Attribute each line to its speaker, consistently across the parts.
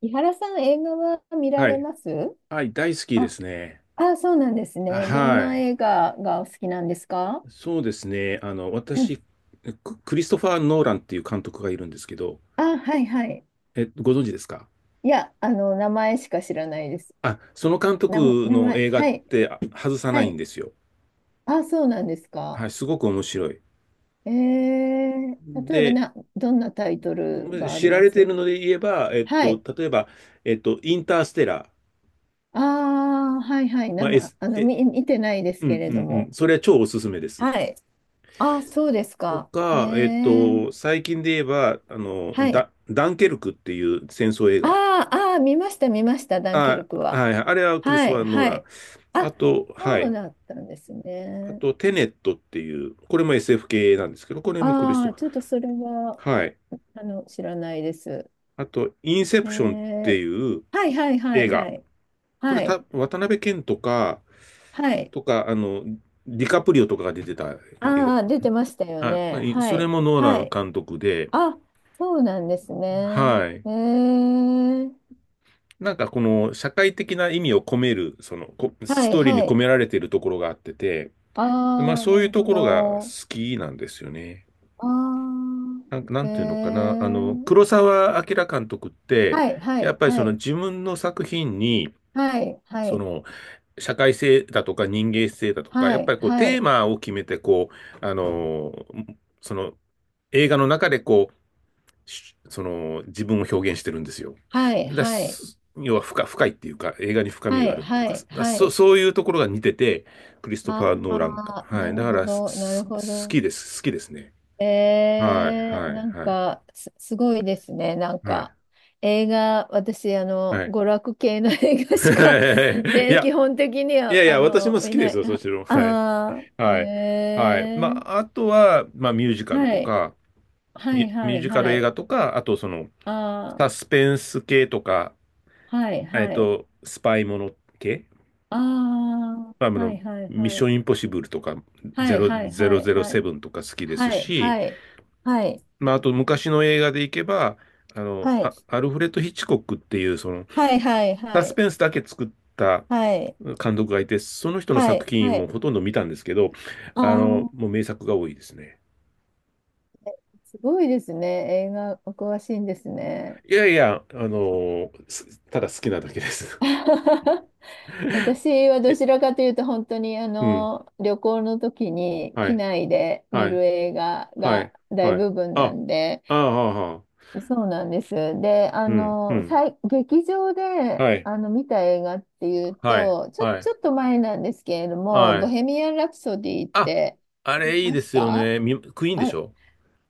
Speaker 1: 伊原さん、映画は見ら
Speaker 2: は
Speaker 1: れ
Speaker 2: い。
Speaker 1: ます？
Speaker 2: はい、大好きで
Speaker 1: あ、
Speaker 2: すね。
Speaker 1: あ、そうなんです
Speaker 2: あ
Speaker 1: ね。どん
Speaker 2: は
Speaker 1: な
Speaker 2: い。
Speaker 1: 映画がお好きなんですか？
Speaker 2: そうですね。私、クリストファー・ノーランっていう監督がいるんですけど、
Speaker 1: あ、はいはい。
Speaker 2: ご存知ですか？
Speaker 1: いや、名前しか知らないです。
Speaker 2: あ、その監督
Speaker 1: 名
Speaker 2: の
Speaker 1: 前、
Speaker 2: 映画っ
Speaker 1: はい、
Speaker 2: て外さ
Speaker 1: は
Speaker 2: ないん
Speaker 1: い。
Speaker 2: ですよ。
Speaker 1: あ、そうなんです
Speaker 2: は
Speaker 1: か。
Speaker 2: い、すごく面白い。
Speaker 1: 例えば
Speaker 2: で、
Speaker 1: どんなタイトルがあり
Speaker 2: 知ら
Speaker 1: ま
Speaker 2: れてい
Speaker 1: す？
Speaker 2: るので言えば、
Speaker 1: はい。
Speaker 2: 例えば、インターステラー。
Speaker 1: ああはいはい。
Speaker 2: まあ、
Speaker 1: 生、あの、見、見てないです
Speaker 2: うんう
Speaker 1: けれ
Speaker 2: ん
Speaker 1: ど
Speaker 2: うん。
Speaker 1: も。
Speaker 2: それは超おすすめです。
Speaker 1: はい。ああ、そうです
Speaker 2: と
Speaker 1: か。え
Speaker 2: か、
Speaker 1: ー、
Speaker 2: 最近で言えば、
Speaker 1: はい。
Speaker 2: ダンケルクっていう戦争映
Speaker 1: あ
Speaker 2: 画。
Speaker 1: あああ見ました、ダンケル
Speaker 2: あ、
Speaker 1: クは。
Speaker 2: はい、あれはクリス
Speaker 1: は
Speaker 2: トファ
Speaker 1: い、
Speaker 2: ー・ノー
Speaker 1: は
Speaker 2: ラン。
Speaker 1: い。
Speaker 2: あ
Speaker 1: あ、
Speaker 2: と、は
Speaker 1: そう
Speaker 2: い。
Speaker 1: だったんです
Speaker 2: あ
Speaker 1: ね。
Speaker 2: と、テネットっていう、これも SF 系なんですけど、これもクリスト
Speaker 1: ああ、
Speaker 2: フ
Speaker 1: ちょっとそれは、
Speaker 2: ァー。はい。
Speaker 1: 知らないです。
Speaker 2: あと、インセ
Speaker 1: え
Speaker 2: プションって
Speaker 1: ー、
Speaker 2: いう
Speaker 1: はいはいは
Speaker 2: 映
Speaker 1: いは
Speaker 2: 画。
Speaker 1: い。
Speaker 2: これ
Speaker 1: は
Speaker 2: た、
Speaker 1: い、
Speaker 2: 渡辺謙とか、
Speaker 1: はい。
Speaker 2: とか、ディカプリオとかが出てた映
Speaker 1: ああ、出てましたよ
Speaker 2: 画。
Speaker 1: ね。は
Speaker 2: それ
Speaker 1: い、
Speaker 2: もノーラ
Speaker 1: は
Speaker 2: ン
Speaker 1: い。
Speaker 2: 監督で、
Speaker 1: あ、そうなんですね。
Speaker 2: はい。
Speaker 1: えー、
Speaker 2: なんかこの社会的な意味を込める、その、
Speaker 1: は
Speaker 2: ス
Speaker 1: い
Speaker 2: トーリーに
Speaker 1: は
Speaker 2: 込
Speaker 1: い。
Speaker 2: められているところがあってて、まあ
Speaker 1: ああ、
Speaker 2: そう
Speaker 1: な
Speaker 2: いう
Speaker 1: る
Speaker 2: と
Speaker 1: ほ
Speaker 2: ころが
Speaker 1: ど。
Speaker 2: 好きなんですよね。
Speaker 1: あ
Speaker 2: な
Speaker 1: あ、え
Speaker 2: んていうのかな、
Speaker 1: ー、
Speaker 2: 黒澤明監督って、
Speaker 1: はいは
Speaker 2: やっ
Speaker 1: い
Speaker 2: ぱり
Speaker 1: は
Speaker 2: その
Speaker 1: い。
Speaker 2: 自分の作品に、
Speaker 1: はいは
Speaker 2: そ
Speaker 1: い。
Speaker 2: の社会性だとか人間性だとか、や
Speaker 1: は
Speaker 2: っぱ
Speaker 1: い
Speaker 2: りこう
Speaker 1: は
Speaker 2: テー
Speaker 1: い。
Speaker 2: マを決めて、こう、その映画の中でこう、その自分を表現してるんですよ。
Speaker 1: はい、はい、
Speaker 2: 要は深いっていうか、映画に深み
Speaker 1: は
Speaker 2: があ
Speaker 1: い、
Speaker 2: るっていう
Speaker 1: は
Speaker 2: か、
Speaker 1: い、はい。
Speaker 2: そういうところが似てて、クリスト
Speaker 1: あ
Speaker 2: ファー・ノーランか。
Speaker 1: あ、
Speaker 2: は
Speaker 1: な
Speaker 2: い。だ
Speaker 1: る
Speaker 2: か
Speaker 1: ほ
Speaker 2: らす、
Speaker 1: ど、なるほ
Speaker 2: す好
Speaker 1: ど。
Speaker 2: きです。好きですね。はい、はい、はい、
Speaker 1: すごいですね。なん
Speaker 2: はい、
Speaker 1: か、映画、私、
Speaker 2: はい。
Speaker 1: 娯楽系の 映画しか、
Speaker 2: い
Speaker 1: で、
Speaker 2: や、
Speaker 1: 基本的に
Speaker 2: い
Speaker 1: は、
Speaker 2: やいや、私も好
Speaker 1: 見
Speaker 2: きで
Speaker 1: な
Speaker 2: す
Speaker 1: い。
Speaker 2: よ、そちらも。はい。
Speaker 1: ああー、
Speaker 2: はい。はい。ま
Speaker 1: え
Speaker 2: あ、
Speaker 1: ー、
Speaker 2: あとは、まあ、ミュージカル
Speaker 1: は
Speaker 2: と
Speaker 1: い、
Speaker 2: か、
Speaker 1: はい、
Speaker 2: ミ
Speaker 1: は
Speaker 2: ュー
Speaker 1: い、
Speaker 2: ジカ
Speaker 1: は
Speaker 2: ル映
Speaker 1: い。
Speaker 2: 画とか、あと、その、
Speaker 1: あ
Speaker 2: サスペンス系とか、
Speaker 1: あ、はい、はい。
Speaker 2: スパイもの系、
Speaker 1: あ
Speaker 2: まあ、
Speaker 1: あ、はい、はい、
Speaker 2: ミッ
Speaker 1: は
Speaker 2: ショ
Speaker 1: い。
Speaker 2: ンインポッシブルとか、
Speaker 1: はい、はい、はい、はい。
Speaker 2: 007とか好きです
Speaker 1: はい、
Speaker 2: し、
Speaker 1: はい。はい
Speaker 2: まあ、あと、昔の映画でいけば、
Speaker 1: はい。
Speaker 2: アルフレッド・ヒッチコックっていう、その、
Speaker 1: はいはいは
Speaker 2: サス
Speaker 1: い。
Speaker 2: ペンスだけ作った
Speaker 1: はい。
Speaker 2: 監督がいて、その人の
Speaker 1: は
Speaker 2: 作
Speaker 1: い。
Speaker 2: 品
Speaker 1: は
Speaker 2: も
Speaker 1: い。
Speaker 2: ほとんど見たんですけど、
Speaker 1: あ
Speaker 2: もう
Speaker 1: あ、
Speaker 2: 名作が多いですね。
Speaker 1: すごいですね。映画お詳しいんですね。
Speaker 2: いやいや、ただ好きなだけです。
Speaker 1: 私はど
Speaker 2: え、
Speaker 1: ちらかというと本当に
Speaker 2: うん、
Speaker 1: 旅行の時に
Speaker 2: は
Speaker 1: 機
Speaker 2: い、
Speaker 1: 内で見
Speaker 2: はい、
Speaker 1: る映画
Speaker 2: は
Speaker 1: が
Speaker 2: い、
Speaker 1: 大
Speaker 2: はい。
Speaker 1: 部分
Speaker 2: あ、
Speaker 1: なんで、
Speaker 2: ああ、ああ、
Speaker 1: そうなんです。で、
Speaker 2: うん、うん、
Speaker 1: 劇場で
Speaker 2: はい、
Speaker 1: 見た映画っていう
Speaker 2: はい、
Speaker 1: と、
Speaker 2: はい、
Speaker 1: ちょっと前なんですけれども、
Speaker 2: は
Speaker 1: ボ
Speaker 2: い。
Speaker 1: ヘミアン・ラプソディっ
Speaker 2: あ、
Speaker 1: て
Speaker 2: あ
Speaker 1: 見
Speaker 2: れいい
Speaker 1: ま
Speaker 2: で
Speaker 1: し
Speaker 2: すよ
Speaker 1: た。
Speaker 2: ね。クイーンでし
Speaker 1: あ、
Speaker 2: ょ？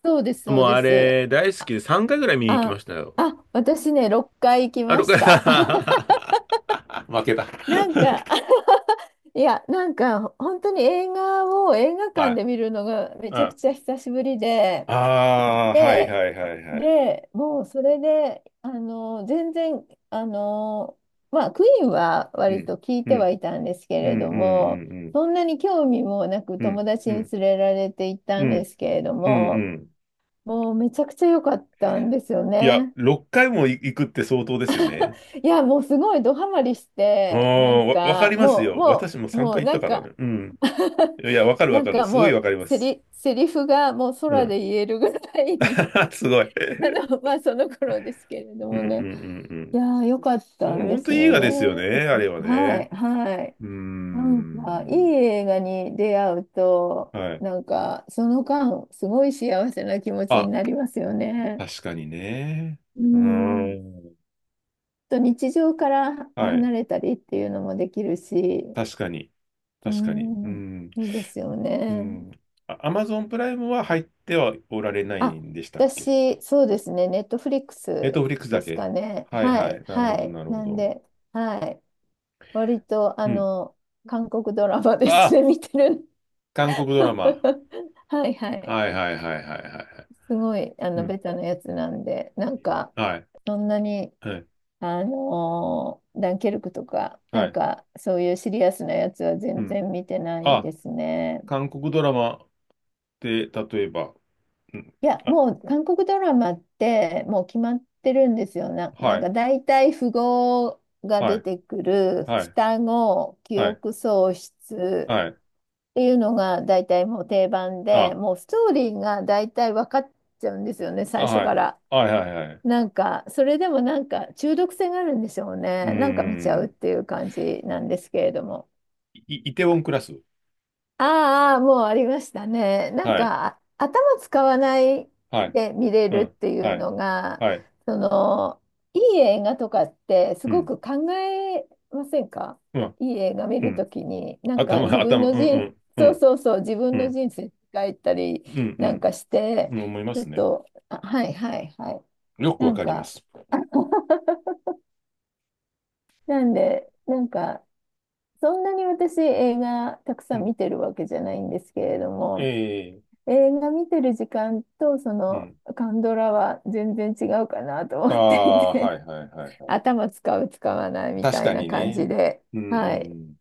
Speaker 1: そうです、そ
Speaker 2: も
Speaker 1: う
Speaker 2: う
Speaker 1: で
Speaker 2: あ
Speaker 1: す。
Speaker 2: れ大好きで3回ぐらい見に行きま
Speaker 1: あ、
Speaker 2: したよ。
Speaker 1: あ、私ね、6回行き
Speaker 2: あ
Speaker 1: ま
Speaker 2: るか
Speaker 1: した。
Speaker 2: ら 負けた。
Speaker 1: なんか、いや、なんか、本当に映画を映画
Speaker 2: は
Speaker 1: 館
Speaker 2: い。
Speaker 1: で見るのがめ
Speaker 2: う
Speaker 1: ちゃく
Speaker 2: ん
Speaker 1: ちゃ久しぶりで、
Speaker 2: ああ、はい
Speaker 1: で、
Speaker 2: はいはいはい。
Speaker 1: で、もうそれで、あの、全然、あの、まあ、クイーンは
Speaker 2: う
Speaker 1: 割
Speaker 2: ん、
Speaker 1: と聞い
Speaker 2: う
Speaker 1: ては
Speaker 2: ん、
Speaker 1: いたんですけ
Speaker 2: うん、
Speaker 1: れども、
Speaker 2: うん、
Speaker 1: そんなに興味もなく
Speaker 2: うん、うん、
Speaker 1: 友達
Speaker 2: う
Speaker 1: に
Speaker 2: ん、
Speaker 1: 連れられて行った
Speaker 2: う
Speaker 1: んで
Speaker 2: ん、
Speaker 1: すけれど
Speaker 2: うん、
Speaker 1: も、
Speaker 2: うん。
Speaker 1: もうめちゃくちゃ良かったんですよ
Speaker 2: いや、
Speaker 1: ね。
Speaker 2: 6回も行くって相当ですよね。
Speaker 1: いや、もうすごいドハマりし
Speaker 2: あ
Speaker 1: て、なん
Speaker 2: あ、わか
Speaker 1: か、
Speaker 2: ります
Speaker 1: もう、
Speaker 2: よ。
Speaker 1: も
Speaker 2: 私も
Speaker 1: う、
Speaker 2: 3
Speaker 1: もう、
Speaker 2: 回行っ
Speaker 1: な
Speaker 2: た
Speaker 1: ん
Speaker 2: からね。
Speaker 1: か
Speaker 2: うん。いや、わかるわ
Speaker 1: なん
Speaker 2: かる。
Speaker 1: か
Speaker 2: す
Speaker 1: も
Speaker 2: ごいわ
Speaker 1: う、
Speaker 2: かります。
Speaker 1: セリフがもう
Speaker 2: う
Speaker 1: 空
Speaker 2: ん。
Speaker 1: で言えるぐらいに
Speaker 2: すごい。
Speaker 1: あの、まあ、その頃ですけれど
Speaker 2: うん、
Speaker 1: も
Speaker 2: う
Speaker 1: ね。
Speaker 2: ん、うん、う
Speaker 1: い
Speaker 2: ん。
Speaker 1: やー、よかっ
Speaker 2: あ
Speaker 1: たん
Speaker 2: れ、
Speaker 1: で
Speaker 2: 本当
Speaker 1: す
Speaker 2: いい映
Speaker 1: よ
Speaker 2: 画
Speaker 1: ね。
Speaker 2: ですよね、あれは
Speaker 1: は
Speaker 2: ね。
Speaker 1: い、はい。
Speaker 2: うー
Speaker 1: なんか、いい
Speaker 2: ん。
Speaker 1: 映画に出会うと、
Speaker 2: はい。
Speaker 1: なんか、その間、すごい幸せな気持ちに
Speaker 2: あ、
Speaker 1: なりますよね。
Speaker 2: 確かにね。
Speaker 1: う
Speaker 2: うー
Speaker 1: ん。
Speaker 2: ん。
Speaker 1: と日常から
Speaker 2: はい。
Speaker 1: 離れたりっていうのもできるし、
Speaker 2: 確かに。
Speaker 1: う
Speaker 2: 確かに。う
Speaker 1: ん、
Speaker 2: ん。
Speaker 1: いいですよ
Speaker 2: う
Speaker 1: ね。
Speaker 2: ん。アマゾンプライムは入ってはおられない
Speaker 1: あ、
Speaker 2: んでしたっけ？
Speaker 1: 私、そうですね、ネットフリック
Speaker 2: ネッ
Speaker 1: ス
Speaker 2: トフリックスだ
Speaker 1: です
Speaker 2: け。
Speaker 1: かね。
Speaker 2: はい
Speaker 1: は
Speaker 2: は
Speaker 1: い、
Speaker 2: い。なる
Speaker 1: は
Speaker 2: ほど、
Speaker 1: い。
Speaker 2: なるほ
Speaker 1: なん
Speaker 2: ど。
Speaker 1: で、はい。割と、
Speaker 2: うん。
Speaker 1: 韓国ドラマです
Speaker 2: あ、
Speaker 1: ね、見てる。
Speaker 2: 韓国ドラマ。
Speaker 1: はい、はい。
Speaker 2: はいはいはいはいはいはい。
Speaker 1: すごい、
Speaker 2: うん。
Speaker 1: ベタなやつなんで、なんか、
Speaker 2: はい。
Speaker 1: そんなに、
Speaker 2: はい。
Speaker 1: あのーダンケルクとか、な
Speaker 2: は
Speaker 1: ん
Speaker 2: い。
Speaker 1: か、そういうシリアスなやつは
Speaker 2: う
Speaker 1: 全
Speaker 2: ん。
Speaker 1: 然見てない
Speaker 2: あ、
Speaker 1: ですね。
Speaker 2: 韓国ドラマで、例えば、うん。
Speaker 1: いや、
Speaker 2: あ、
Speaker 1: もう韓国ドラマってもう決まってるんですよ。
Speaker 2: は
Speaker 1: なん
Speaker 2: い。
Speaker 1: か大体符号が
Speaker 2: は
Speaker 1: 出
Speaker 2: い。
Speaker 1: てくる
Speaker 2: はい。
Speaker 1: 双子、記
Speaker 2: はい。
Speaker 1: 憶喪失
Speaker 2: はい。
Speaker 1: っていうのが大体もう定番で、
Speaker 2: あ、
Speaker 1: もうストーリーが大体分かっちゃうんですよね、
Speaker 2: あ、
Speaker 1: 最初
Speaker 2: は
Speaker 1: か
Speaker 2: い。
Speaker 1: ら。
Speaker 2: はいはいはいうんあ韓国ドラマって例えばうんあはいはいはいはいはいああはいはいはいはい。
Speaker 1: なんか、それでもなんか中毒性があるんでしょう
Speaker 2: うー
Speaker 1: ね。なんか見ちゃうっ
Speaker 2: ん。
Speaker 1: ていう感じなんですけれども。
Speaker 2: い、イテウォンクラス。
Speaker 1: ああ、もうありましたね。なん
Speaker 2: はい。
Speaker 1: か、あ頭使わない
Speaker 2: はい。
Speaker 1: で見れ
Speaker 2: う
Speaker 1: るっ
Speaker 2: ん。
Speaker 1: ていう
Speaker 2: はい。
Speaker 1: のが、
Speaker 2: はい。
Speaker 1: その、いい映画とかってす
Speaker 2: う
Speaker 1: ご
Speaker 2: ん。
Speaker 1: く考えませんか？
Speaker 2: うん。
Speaker 1: いい映画見
Speaker 2: う
Speaker 1: ると
Speaker 2: ん
Speaker 1: きに、なんか
Speaker 2: 頭、
Speaker 1: 自分
Speaker 2: 頭、うん、
Speaker 1: の人、
Speaker 2: うん、う
Speaker 1: そう
Speaker 2: ん、
Speaker 1: そうそう、自分
Speaker 2: う
Speaker 1: の
Speaker 2: ん、
Speaker 1: 人生変いたり
Speaker 2: う
Speaker 1: なん
Speaker 2: ん、
Speaker 1: かし
Speaker 2: う
Speaker 1: て、
Speaker 2: ん、思いま
Speaker 1: ちょっ
Speaker 2: すね。
Speaker 1: と、あ、はいはいはい。
Speaker 2: よく
Speaker 1: な
Speaker 2: わ
Speaker 1: ん
Speaker 2: かりま
Speaker 1: か、
Speaker 2: す。
Speaker 1: なんで、なんか、そんなに私映画たくさ
Speaker 2: う
Speaker 1: ん
Speaker 2: ん。
Speaker 1: 見てるわけじゃないんですけれども、
Speaker 2: ええ
Speaker 1: 映画見てる時間とそ
Speaker 2: う
Speaker 1: の
Speaker 2: ん。
Speaker 1: カンドラは全然違うかなと
Speaker 2: あ
Speaker 1: 思ってい
Speaker 2: あ、は
Speaker 1: て
Speaker 2: いはいはい は
Speaker 1: 頭使う使わない
Speaker 2: い。
Speaker 1: み
Speaker 2: 確
Speaker 1: たい
Speaker 2: か
Speaker 1: な
Speaker 2: に
Speaker 1: 感じ
Speaker 2: ね。
Speaker 1: で、
Speaker 2: うん
Speaker 1: はい
Speaker 2: うん。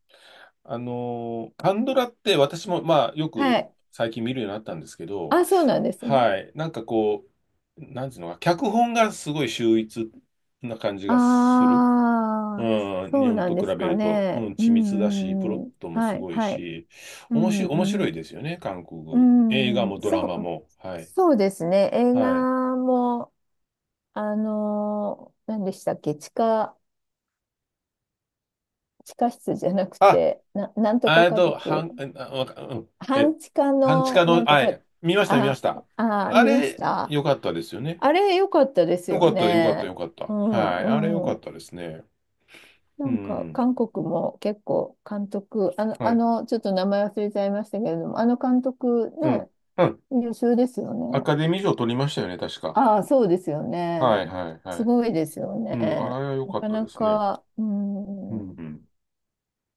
Speaker 2: カンドラって私も、まあ、よ
Speaker 1: は
Speaker 2: く
Speaker 1: い、
Speaker 2: 最近見るようになったんですけど、
Speaker 1: あそうなんですね、
Speaker 2: はい。なんかこう、なんていうのか、脚本がすごい秀逸な感じがする。
Speaker 1: ああ
Speaker 2: うん、
Speaker 1: そ
Speaker 2: 日
Speaker 1: う
Speaker 2: 本
Speaker 1: なん
Speaker 2: と
Speaker 1: で
Speaker 2: 比べ
Speaker 1: すか
Speaker 2: ると、うん、
Speaker 1: ね、う
Speaker 2: 緻密だし、プロ
Speaker 1: ん
Speaker 2: ッ
Speaker 1: うんうん、
Speaker 2: トもす
Speaker 1: はい
Speaker 2: ごい
Speaker 1: はい、
Speaker 2: し、
Speaker 1: う
Speaker 2: おもし、面
Speaker 1: ん
Speaker 2: 白い
Speaker 1: う
Speaker 2: ですよね、韓国。映画
Speaker 1: んう
Speaker 2: も
Speaker 1: ん、
Speaker 2: ドラ
Speaker 1: そ
Speaker 2: マ
Speaker 1: う、
Speaker 2: も。はい。
Speaker 1: そうですね、映
Speaker 2: はい。
Speaker 1: 画も、あのー何でしたっけ？地下、地下室じゃなく
Speaker 2: あ、
Speaker 1: てな、なんと
Speaker 2: あ
Speaker 1: か
Speaker 2: えっ
Speaker 1: 家
Speaker 2: と、は
Speaker 1: 族、
Speaker 2: ん、あ、わかうん、え、
Speaker 1: 半地下
Speaker 2: 半地
Speaker 1: の
Speaker 2: 下
Speaker 1: な
Speaker 2: の、
Speaker 1: んと
Speaker 2: あ、
Speaker 1: か、
Speaker 2: 見ました、見まし
Speaker 1: あ、
Speaker 2: た。
Speaker 1: あ、
Speaker 2: あ
Speaker 1: 見まし
Speaker 2: れ、
Speaker 1: た。
Speaker 2: よかったですよね。
Speaker 1: あれ良かったです
Speaker 2: よ
Speaker 1: よ
Speaker 2: かった、よかった、よ
Speaker 1: ね。
Speaker 2: かった。
Speaker 1: うん、
Speaker 2: はい。あれ、よか
Speaker 1: う
Speaker 2: っ
Speaker 1: ん。
Speaker 2: たですね。
Speaker 1: な
Speaker 2: う
Speaker 1: んか
Speaker 2: ん。
Speaker 1: 韓国も結構監督、
Speaker 2: はい。
Speaker 1: ちょっと名前忘れちゃいましたけれども、あの監督
Speaker 2: うん。
Speaker 1: ね、
Speaker 2: うん。
Speaker 1: 優秀ですよ
Speaker 2: ア
Speaker 1: ね。
Speaker 2: カデミー賞取りましたよね、確か。
Speaker 1: ああ、そうですよ
Speaker 2: は
Speaker 1: ね。
Speaker 2: い、はい、は
Speaker 1: す
Speaker 2: い。
Speaker 1: ごいですよ
Speaker 2: うん、あ
Speaker 1: ね。
Speaker 2: れはよ
Speaker 1: な
Speaker 2: かっ
Speaker 1: か
Speaker 2: たで
Speaker 1: な
Speaker 2: すね。
Speaker 1: か、う
Speaker 2: うん、う
Speaker 1: ん。
Speaker 2: ん。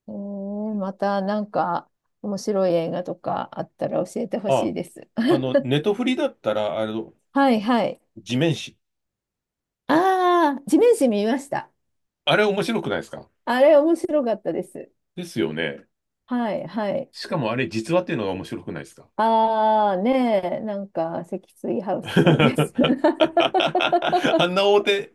Speaker 1: えー、またなんか面白い映画とかあったら教えてほし
Speaker 2: あ
Speaker 1: いです。
Speaker 2: ネトフリだったら、
Speaker 1: はいはい。
Speaker 2: 地面師。
Speaker 1: ああ、地面師見ました。
Speaker 2: あれ面白くないですか？
Speaker 1: あれ面白かったです。
Speaker 2: ですよね。
Speaker 1: はい、はい。
Speaker 2: しかもあれ実話っていうのが面白くないですか？
Speaker 1: ああ、ねえ、なんか、積水ハウス さんです。
Speaker 2: あんな大手、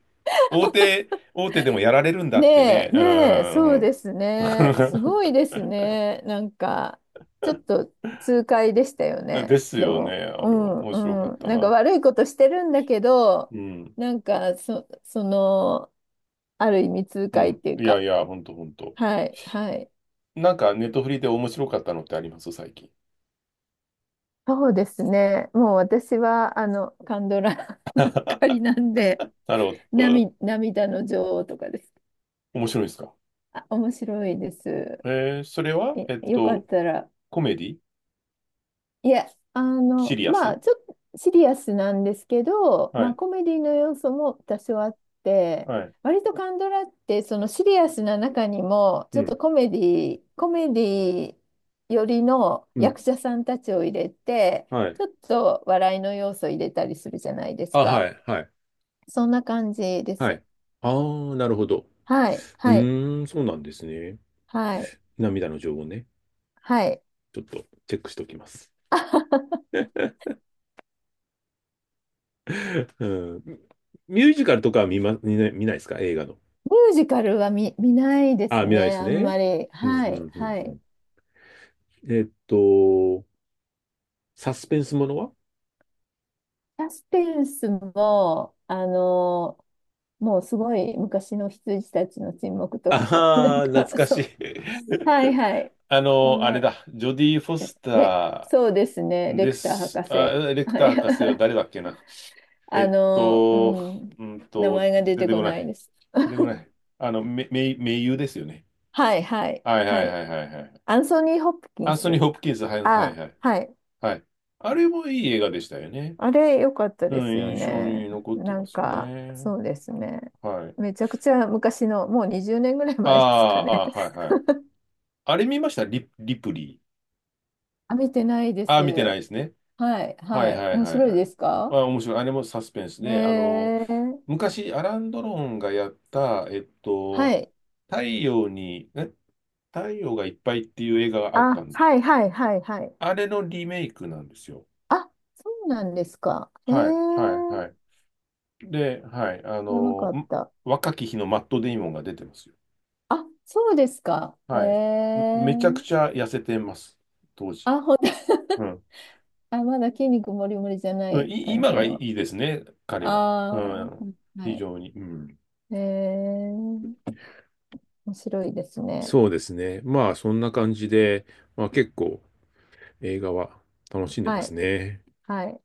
Speaker 2: 大手、大手でもやられるんだって
Speaker 1: ねえ、
Speaker 2: ね。う
Speaker 1: ねえ、そ
Speaker 2: ん。
Speaker 1: う
Speaker 2: うん
Speaker 1: ですね。す ごいですね。なんか、ちょっと痛快でしたよね。
Speaker 2: です
Speaker 1: で
Speaker 2: よね。
Speaker 1: も、
Speaker 2: あ
Speaker 1: う
Speaker 2: れ
Speaker 1: ん、
Speaker 2: 面白かっ
Speaker 1: うん。
Speaker 2: た
Speaker 1: なんか
Speaker 2: な。
Speaker 1: 悪いことしてるんだけど、
Speaker 2: うん。
Speaker 1: その、ある意味痛
Speaker 2: う
Speaker 1: 快っ
Speaker 2: ん。
Speaker 1: ていう
Speaker 2: いや
Speaker 1: か、
Speaker 2: いや、ほんとほんと。
Speaker 1: はい、はい。
Speaker 2: なんかネットフリで面白かったのってあります最近？
Speaker 1: そうですね。もう私は、カンドラ ばっかりなんで、
Speaker 2: なるほど。うん
Speaker 1: 涙の女王とかです。
Speaker 2: 面白いですか？
Speaker 1: あ、面白いです。
Speaker 2: えそれは
Speaker 1: え、よかったら。
Speaker 2: コメディ？
Speaker 1: いや、
Speaker 2: シリア
Speaker 1: ま
Speaker 2: ス
Speaker 1: あ、ちょっとシリアスなんですけど、
Speaker 2: は
Speaker 1: まあ、
Speaker 2: い。
Speaker 1: コメディの要素も多少あって、
Speaker 2: はい。
Speaker 1: 割とカンドラって、そのシリアスな中にも、
Speaker 2: う
Speaker 1: ちょっ
Speaker 2: ん。
Speaker 1: とコメディ、コメディ寄りの
Speaker 2: うん。
Speaker 1: 役者さんたちを入れて、
Speaker 2: はい。
Speaker 1: ちょっと笑いの要素を入れたりするじゃないで
Speaker 2: あ、
Speaker 1: す
Speaker 2: は
Speaker 1: か。
Speaker 2: い、はい、
Speaker 1: そんな感じで
Speaker 2: は
Speaker 1: す。
Speaker 2: い。ああ、なるほど。
Speaker 1: はい、
Speaker 2: う
Speaker 1: はい、
Speaker 2: ーん、そうなんですね。
Speaker 1: はい、
Speaker 2: 涙の情報ね。
Speaker 1: はい。
Speaker 2: ちょっとチェックしておきます。うん。ミュージカルとかは見ないですか映画の？
Speaker 1: ミュージカルは見ないです
Speaker 2: あ、見ないで
Speaker 1: ね、
Speaker 2: す
Speaker 1: あん
Speaker 2: ね。
Speaker 1: まり。
Speaker 2: うん、
Speaker 1: は
Speaker 2: う
Speaker 1: い、
Speaker 2: ん、うん、
Speaker 1: は
Speaker 2: う
Speaker 1: い。
Speaker 2: ん。えっと、サスペンスものは
Speaker 1: サスペンスも、あの、もうすごい昔の羊たちの沈黙とか、なん
Speaker 2: ああー、
Speaker 1: か、
Speaker 2: 懐か
Speaker 1: そ
Speaker 2: しい。
Speaker 1: う、はいはい。そん
Speaker 2: あれ
Speaker 1: な、
Speaker 2: だ。ジョディ・フォス
Speaker 1: で、
Speaker 2: タ
Speaker 1: そうですね、
Speaker 2: ー
Speaker 1: レ
Speaker 2: で
Speaker 1: クター
Speaker 2: す。
Speaker 1: 博
Speaker 2: あ、
Speaker 1: 士。
Speaker 2: レク
Speaker 1: は
Speaker 2: ター
Speaker 1: い、
Speaker 2: 博士は誰だ っけな。え
Speaker 1: あ
Speaker 2: っ
Speaker 1: のう
Speaker 2: と、
Speaker 1: ん、名前が出
Speaker 2: 出
Speaker 1: て
Speaker 2: て
Speaker 1: こ
Speaker 2: こな
Speaker 1: ない
Speaker 2: い。
Speaker 1: です。
Speaker 2: 出てこない。あの、め、め、名優ですよね。
Speaker 1: はいはい、
Speaker 2: はいは
Speaker 1: は
Speaker 2: いは
Speaker 1: い。
Speaker 2: いはいはい。
Speaker 1: アンソニー・ホプキン
Speaker 2: アンソニー・
Speaker 1: ス。
Speaker 2: ホプキンス、はいはい
Speaker 1: あ、
Speaker 2: はい。
Speaker 1: はい。
Speaker 2: はい。あれもいい映画でしたよね。
Speaker 1: あれ、良かった
Speaker 2: う
Speaker 1: です
Speaker 2: ん、
Speaker 1: よ
Speaker 2: 印象
Speaker 1: ね。
Speaker 2: に残って
Speaker 1: な
Speaker 2: ま
Speaker 1: ん
Speaker 2: すよ
Speaker 1: か、
Speaker 2: ね。
Speaker 1: そうですね。
Speaker 2: はい。
Speaker 1: めちゃくちゃ昔の、もう20年ぐらい
Speaker 2: あ
Speaker 1: 前ですか
Speaker 2: あ、あ
Speaker 1: ね。
Speaker 2: あ、はい はい。あれ見ましたリプリー。
Speaker 1: あ、見てないで
Speaker 2: あ
Speaker 1: す。
Speaker 2: あ、見てないですね。
Speaker 1: はい、
Speaker 2: は
Speaker 1: は
Speaker 2: い
Speaker 1: い。
Speaker 2: はい
Speaker 1: 面
Speaker 2: はい
Speaker 1: 白い
Speaker 2: は
Speaker 1: で
Speaker 2: い。
Speaker 1: す
Speaker 2: あ、
Speaker 1: か？
Speaker 2: 面白い。あれもサスペンスで、
Speaker 1: ええ、
Speaker 2: 昔、アラン・ドロンがやった、
Speaker 1: はい。
Speaker 2: 太陽に、え太陽がいっぱいっていう映画があっ
Speaker 1: あ、
Speaker 2: たの。
Speaker 1: はい、はい、はい、はい。
Speaker 2: あれのリメイクなんですよ。
Speaker 1: あ、そうなんですか。え
Speaker 2: はい、はい、
Speaker 1: え、
Speaker 2: はい。で、はい、
Speaker 1: 知らなかった。
Speaker 2: 若き日のマット・デイモンが出てますよ。
Speaker 1: あ、そうですか。え
Speaker 2: はい。
Speaker 1: え、
Speaker 2: めちゃくちゃ痩せてます、当時。
Speaker 1: あ、ほんと？
Speaker 2: うん。
Speaker 1: あ、まだ筋肉もりもりじゃな
Speaker 2: うん
Speaker 1: い感
Speaker 2: 今
Speaker 1: じ
Speaker 2: がい
Speaker 1: の。
Speaker 2: いですね、彼は。
Speaker 1: あ
Speaker 2: うん、
Speaker 1: あ、は
Speaker 2: 非
Speaker 1: い。
Speaker 2: 常に。うん。
Speaker 1: えー、面白いですね。
Speaker 2: そうですね。まあ、そんな感じで、まあ結構映画は楽しんで
Speaker 1: は
Speaker 2: ます
Speaker 1: い。
Speaker 2: ね。
Speaker 1: はい。